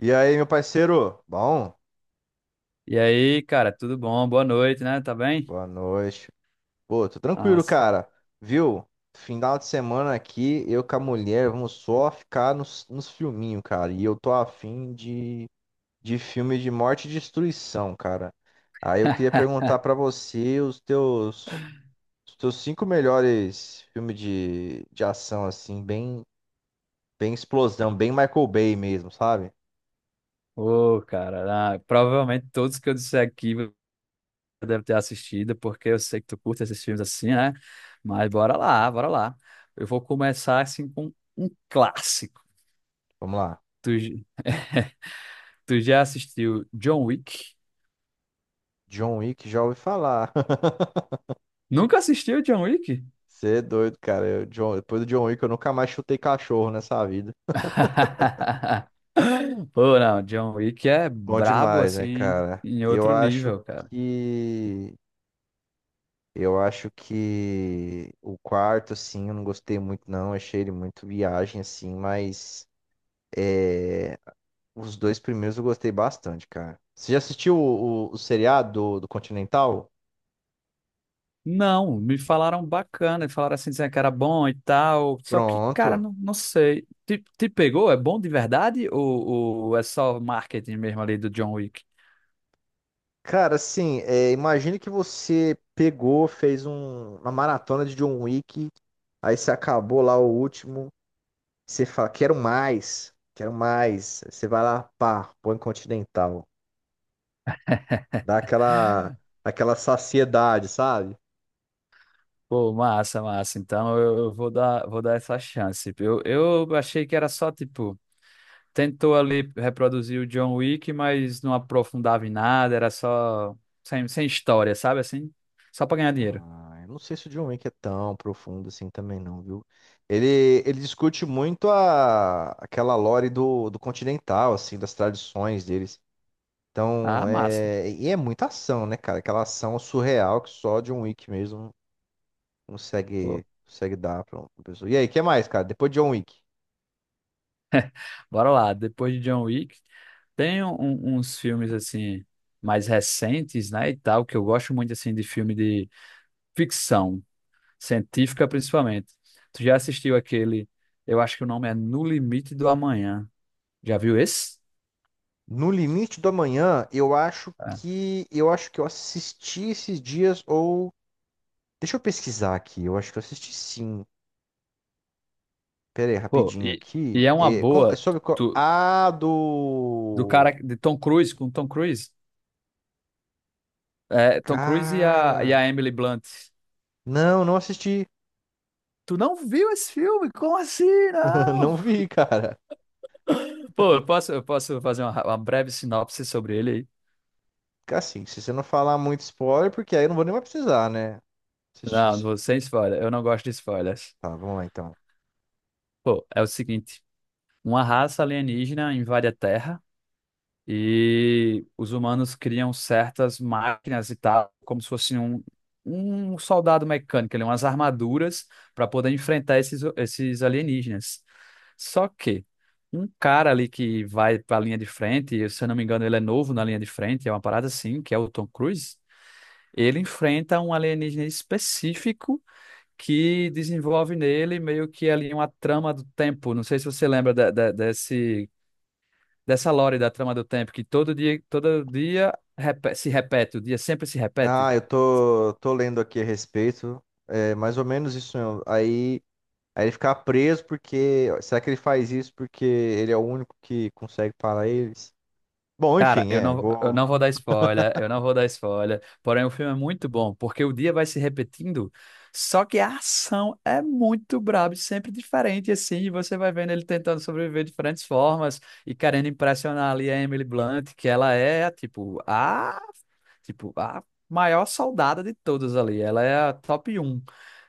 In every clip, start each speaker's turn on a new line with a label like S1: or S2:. S1: E aí, meu parceiro? Bom,
S2: E aí, cara, tudo bom? Boa noite, né? Tá bem?
S1: boa noite. Pô, tô tranquilo,
S2: Nossa.
S1: cara. Viu? Final de semana aqui, eu com a mulher, vamos só ficar nos filminhos, cara. E eu tô afim de filme de morte e destruição, cara. Aí eu queria perguntar pra você os teus cinco melhores filmes de ação, assim, bem explosão, bem Michael Bay mesmo, sabe?
S2: Ô, cara, provavelmente todos que eu disser aqui você deve ter assistido, porque eu sei que tu curte esses filmes assim, né? Mas bora lá, bora lá. Eu vou começar assim com um clássico.
S1: Vamos lá.
S2: Tu, j- Tu já assistiu John Wick?
S1: John Wick, já ouvi falar.
S2: Nunca assistiu John Wick?
S1: Você é doido, cara. Depois do John Wick, eu nunca mais chutei cachorro nessa vida.
S2: Pô, não, John Wick é
S1: Bom
S2: brabo
S1: demais, né,
S2: assim
S1: cara?
S2: em outro nível.
S1: Que. Eu acho que o quarto, assim, eu não gostei muito, não. Achei ele muito viagem, assim, mas é, os dois primeiros eu gostei bastante, cara. Você já assistiu o seriado do Continental?
S2: Não, me falaram bacana, falaram assim, dizendo que era bom e tal. Só que, cara,
S1: Pronto.
S2: não, não sei. Te pegou? É bom de verdade? Ou é só marketing mesmo ali do John Wick?
S1: Cara, assim, imagine que você pegou, uma maratona de John Wick, aí você acabou lá o último. Você fala, quero mais, quero mais. Você vai lá, pá, põe continental. Dá aquela saciedade, sabe?
S2: Pô, massa, massa. Então eu vou dar essa chance. Eu achei que era só, tipo, tentou ali reproduzir o John Wick, mas não aprofundava em nada, era só sem história, sabe assim? Só pra ganhar dinheiro.
S1: Ah, eu não sei se o John Wick é tão profundo assim também não, viu? Ele discute muito aquela lore do continental, assim, das tradições deles. Então,
S2: Ah, massa.
S1: é, e é muita ação, né, cara? Aquela ação surreal que só John Wick mesmo
S2: Pô.
S1: consegue dar pra uma pessoa. E aí, o que mais, cara? Depois de John Wick.
S2: Bora lá, depois de John Wick, tem uns filmes assim mais recentes, né, e tal, que eu gosto muito assim de filme de ficção científica principalmente. Tu já assistiu aquele, eu acho que o nome é No Limite do Amanhã. Já viu esse?
S1: No Limite do Amanhã, eu acho
S2: É.
S1: que eu assisti esses dias ou deixa eu pesquisar aqui. Eu acho que eu assisti sim. Pera aí,
S2: Pô,
S1: rapidinho
S2: e,
S1: aqui.
S2: e é uma
S1: É
S2: boa
S1: sobre qual?
S2: tu-
S1: Ah,
S2: do cara
S1: do
S2: de Tom Cruise com Tom Cruise. É, Tom Cruise e a, e
S1: cara.
S2: a Emily Blunt.
S1: Não, não assisti.
S2: Tu não viu esse filme? Como assim? Não.
S1: Não vi, cara.
S2: Pô, eu posso fazer uma breve sinopse sobre ele aí?
S1: Fica assim, se você não falar muito spoiler, porque aí eu não vou nem mais precisar, né? Assistir.
S2: Não,
S1: Isso.
S2: você sem spoiler. Eu não gosto de spoilers.
S1: Tá, vamos lá então.
S2: Pô, é o seguinte: uma raça alienígena invade a Terra e os humanos criam certas máquinas e tal, como se fosse um, um soldado mecânico, ali, umas armaduras para poder enfrentar esses alienígenas. Só que um cara ali que vai para a linha de frente, e se eu não me engano, ele é novo na linha de frente, é uma parada assim, que é o Tom Cruise. Ele enfrenta um alienígena específico que desenvolve nele meio que ali uma trama do tempo. Não sei se você lembra desse, dessa lore da trama do tempo, que todo dia se repete, o dia sempre se repete.
S1: Ah, eu tô lendo aqui a respeito. É mais ou menos isso mesmo. Aí ele ficar preso porque. Será que ele faz isso porque ele é o único que consegue parar eles? Bom,
S2: Cara,
S1: enfim,
S2: eu
S1: vou.
S2: não vou dar spoiler, eu não vou dar spoiler, porém o filme é muito bom, porque o dia vai se repetindo, só que a ação é muito braba, e sempre diferente, assim, e você vai vendo ele tentando sobreviver de diferentes formas e querendo impressionar ali a Emily Blunt, que ela é, tipo, a Tipo, a maior soldada de todas ali. Ela é a top um.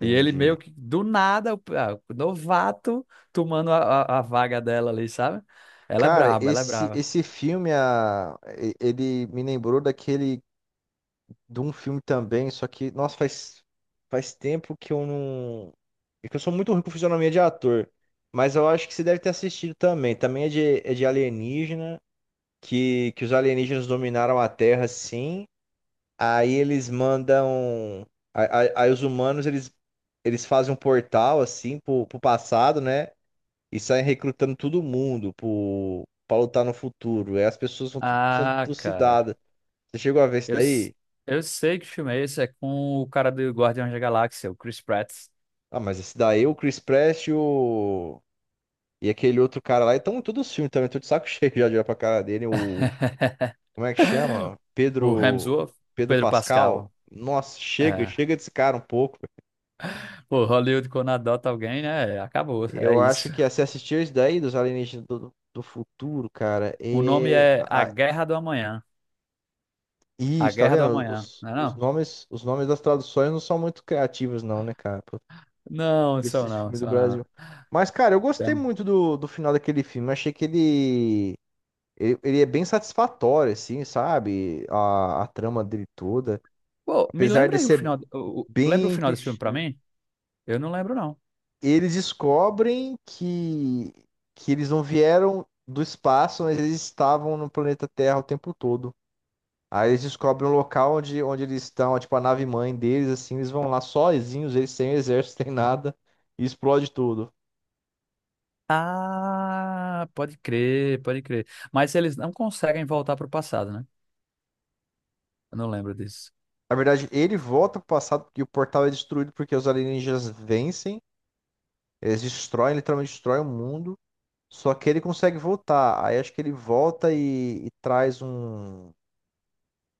S2: E ele
S1: Entendi.
S2: meio que, do nada, o novato tomando a vaga dela ali, sabe? Ela é
S1: Cara,
S2: braba, ela é
S1: esse,
S2: braba.
S1: esse filme, ele me lembrou daquele. De um filme também, só que, nossa, faz tempo que eu não. É que eu sou muito ruim com fisionomia de ator. Mas eu acho que você deve ter assistido também. Também é de alienígena, que os alienígenas dominaram a Terra, sim. Aí eles mandam. Aí os humanos eles fazem um portal assim pro passado, né? E saem recrutando todo mundo pra lutar no futuro. Aí as pessoas vão tudo sendo
S2: Ah, cara.
S1: trucidadas. Você chegou a ver isso
S2: Eu, s-
S1: daí?
S2: eu sei que filme é esse. É com o cara do Guardiões da Galáxia, o Chris Pratt.
S1: Ah, mas esse daí, o Chris Pratt e o. E aquele outro cara lá, então em todos os filmes também, tô de saco cheio já de olhar pra cara dele. O. Como é que chama?
S2: O
S1: Pedro.
S2: Hemsworth, o
S1: Pedro
S2: Pedro
S1: Pascal.
S2: Pascal.
S1: Nossa, chega,
S2: É.
S1: chega desse cara um pouco.
S2: Pô, Hollywood quando adota alguém, né? Acabou, é
S1: Eu acho
S2: isso.
S1: que se assistir isso daí dos alienígenas do futuro, cara,
S2: O nome é A Guerra do Amanhã. A
S1: Isso, tá
S2: Guerra do
S1: vendo?
S2: Amanhã,
S1: Os,
S2: né?
S1: os
S2: Não?
S1: nomes, os nomes das traduções não são muito criativos, não, né, cara? Pra
S2: Não,
S1: esse
S2: são não,
S1: filme do
S2: são não.
S1: Brasil. Mas, cara, eu
S2: Tem-
S1: gostei
S2: um,
S1: muito do final daquele filme. Achei que ele é bem satisfatório, assim, sabe? A trama dele toda.
S2: Pô, me
S1: Apesar
S2: lembra
S1: de
S2: aí o
S1: ser
S2: final. Lembra o
S1: bem
S2: final desse filme pra
S1: clichê.
S2: mim? Eu não lembro, não.
S1: Eles descobrem que eles não vieram do espaço, mas eles estavam no planeta Terra o tempo todo. Aí eles descobrem o local onde eles estão, tipo a nave mãe deles, assim, eles vão lá sozinhos, eles sem exército, sem nada, e explode tudo.
S2: Ah, pode crer, pode crer. Mas eles não conseguem voltar pro passado, né? Eu não lembro disso.
S1: Na verdade, ele volta pro passado porque o portal é destruído porque os alienígenas vencem, eles destroem, literalmente destroem o mundo. Só que ele consegue voltar. Aí acho que ele volta e traz um,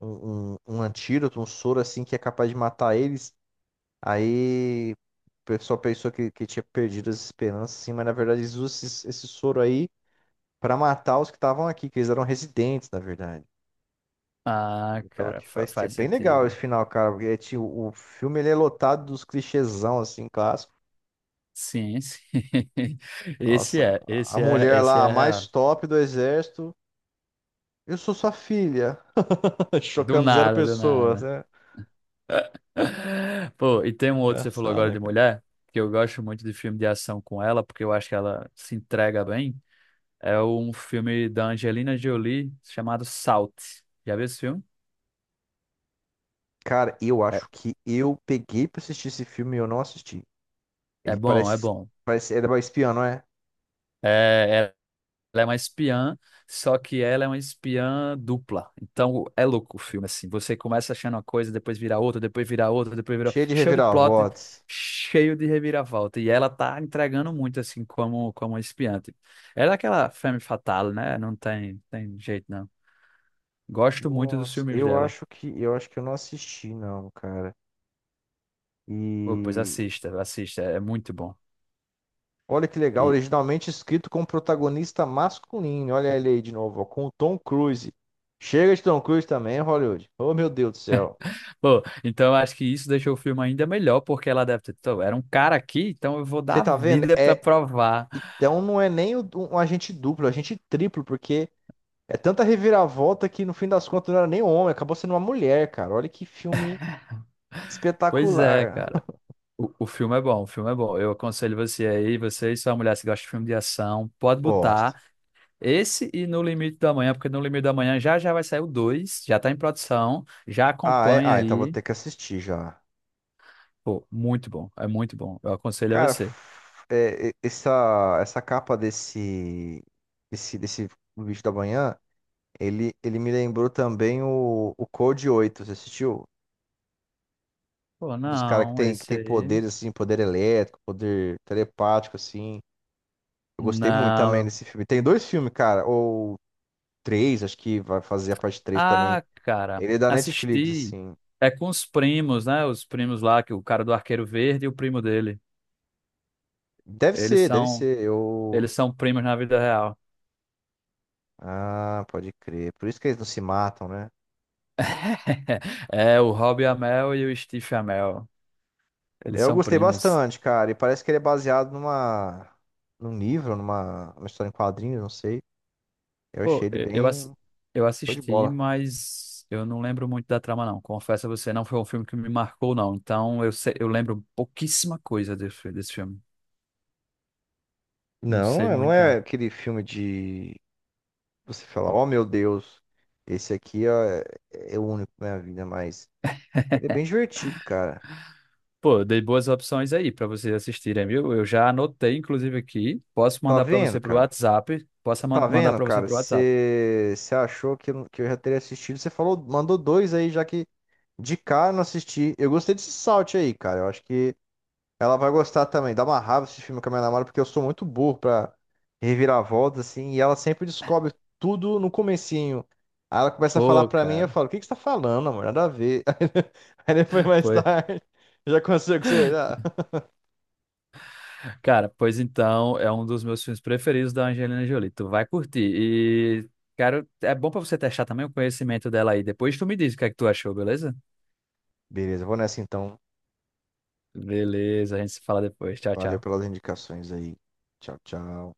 S1: um, um, um antídoto, um soro assim que é capaz de matar eles. Aí o pessoal pensou que tinha perdido as esperanças, assim, mas na verdade eles usam esse soro aí pra matar os que estavam aqui, que eles eram residentes, na verdade.
S2: Ah,
S1: Eu tava
S2: cara,
S1: aqui faz tempo.
S2: faz
S1: Bem legal esse
S2: sentido.
S1: final, cara, porque é, tipo, o filme ele é lotado dos clichêzão, assim, clássico.
S2: Sim, sim.
S1: Nossa, a mulher
S2: Esse
S1: lá, a
S2: é
S1: mais
S2: real.
S1: top do exército. Eu sou sua filha.
S2: Do
S1: Chocando zero
S2: nada, do
S1: pessoas,
S2: nada.
S1: né?
S2: Pô, e tem um outro, você falou
S1: Engraçado,
S2: agora
S1: né,
S2: de
S1: cara?
S2: mulher, que eu gosto muito de filme de ação com ela, porque eu acho que ela se entrega bem. É um filme da Angelina Jolie chamado Salt. Já viu esse filme?
S1: Cara, eu
S2: É,
S1: acho que eu peguei pra assistir esse filme e eu não assisti.
S2: é
S1: Ele
S2: bom, é
S1: parece,
S2: bom.
S1: parece, ele é espião, não é?
S2: É, ela é uma espiã, só que ela é uma espiã dupla. Então é louco o filme, assim. Você começa achando uma coisa, depois vira outra, depois vira outra, depois vira outra.
S1: Cheio de
S2: Cheio de plot,
S1: reviravoltas.
S2: cheio de reviravolta. E ela tá entregando muito, assim, como espiã, tipo. Ela é aquela femme fatale, né? Tem jeito, não. Gosto muito dos
S1: Nossa,
S2: filmes
S1: eu
S2: dela.
S1: acho que eu não assisti não, cara.
S2: Pô, pois
S1: E
S2: assista, assista. É muito bom.
S1: olha que legal, originalmente escrito com protagonista masculino. Olha ele aí de novo, ó, com o Tom Cruise. Chega de Tom Cruise também, Hollywood. Oh, meu Deus do céu.
S2: Pô, então eu acho que isso deixou o filme ainda melhor, porque ela deve ter. "Tô, era um cara aqui, então eu vou dar
S1: Você
S2: a
S1: tá vendo?
S2: vida pra
S1: É,
S2: provar".
S1: então não é nem um agente duplo, é um agente triplo, porque é tanta reviravolta que no fim das contas não era nem um homem, acabou sendo uma mulher, cara. Olha que filme
S2: Pois é,
S1: espetacular.
S2: cara. O filme é bom, o filme é bom. Eu aconselho você aí, você e sua mulher, se gosta de filme de ação, pode
S1: Gosto.
S2: botar esse e No Limite da Manhã, porque No Limite da Manhã já já vai sair o dois, já tá em produção, já
S1: Ah, é,
S2: acompanha
S1: então vou
S2: aí.
S1: ter que assistir já.
S2: Pô, muito bom, é muito bom. Eu aconselho a
S1: Cara,
S2: você.
S1: essa capa desse vídeo da manhã, ele me lembrou também o Code 8, você assistiu?
S2: Pô,
S1: Um dos caras que
S2: não,
S1: tem, que
S2: esse
S1: tem
S2: aí.
S1: poderes, assim, poder elétrico, poder telepático, assim. Eu gostei muito também
S2: Não.
S1: desse filme. Tem dois filmes, cara, ou três, acho que vai fazer a parte três também.
S2: Ah, cara,
S1: Ele é da Netflix,
S2: assisti.
S1: assim.
S2: É com os primos, né? Os primos lá, que o cara do Arqueiro Verde e o primo dele.
S1: Deve
S2: Eles
S1: ser, deve
S2: são,
S1: ser. Eu.
S2: eles são primos na vida real.
S1: Ah, pode crer. Por isso que eles não se matam, né?
S2: É, o Rob Amell e o Steve Amell. Eles
S1: Eu
S2: são
S1: gostei
S2: primos.
S1: bastante, cara. E parece que ele é baseado numa, num livro, numa uma história em quadrinhos, não sei. Eu achei
S2: Pô,
S1: ele bem
S2: eu
S1: show de
S2: assisti,
S1: bola.
S2: mas eu não lembro muito da trama, não. Confesso a você, não foi um filme que me marcou, não. Então eu lembro pouquíssima coisa desse filme. Não
S1: Não,
S2: sei
S1: não
S2: muito,
S1: é
S2: não.
S1: aquele filme de. Você falar, oh meu Deus, esse aqui é o único na minha vida, mas. Ele é bem divertido, cara.
S2: Pô, eu dei boas opções aí para vocês assistirem, viu? Eu já anotei, inclusive, aqui. Posso
S1: Tá
S2: mandar para
S1: vendo,
S2: você pro
S1: cara?
S2: WhatsApp.
S1: Tá
S2: Mandar
S1: vendo,
S2: para você
S1: cara?
S2: pro WhatsApp.
S1: Você achou que eu já teria assistido? Você falou, mandou dois aí, já que de cara eu não assisti. Eu gostei desse Salt aí, cara. Eu acho que ela vai gostar também. Dá uma raiva esse filme com a minha namorada, porque eu sou muito burro pra reviravolta, assim, e ela sempre descobre tudo no comecinho. Aí ela começa a falar
S2: Pô,
S1: pra mim, eu
S2: cara.
S1: falo, o que que você tá falando, amor? Nada a ver. Aí depois, mais
S2: Foi.
S1: tarde, já consigo, você já.
S2: Cara, pois então, é um dos meus filmes preferidos da Angelina Jolie. Tu vai curtir. E, cara, é bom para você testar também o conhecimento dela aí. Depois tu me diz o que é que tu achou, beleza?
S1: Beleza, eu vou nessa então.
S2: Beleza, a gente se fala depois. Tchau,
S1: Valeu
S2: tchau.
S1: pelas indicações aí. Tchau, tchau.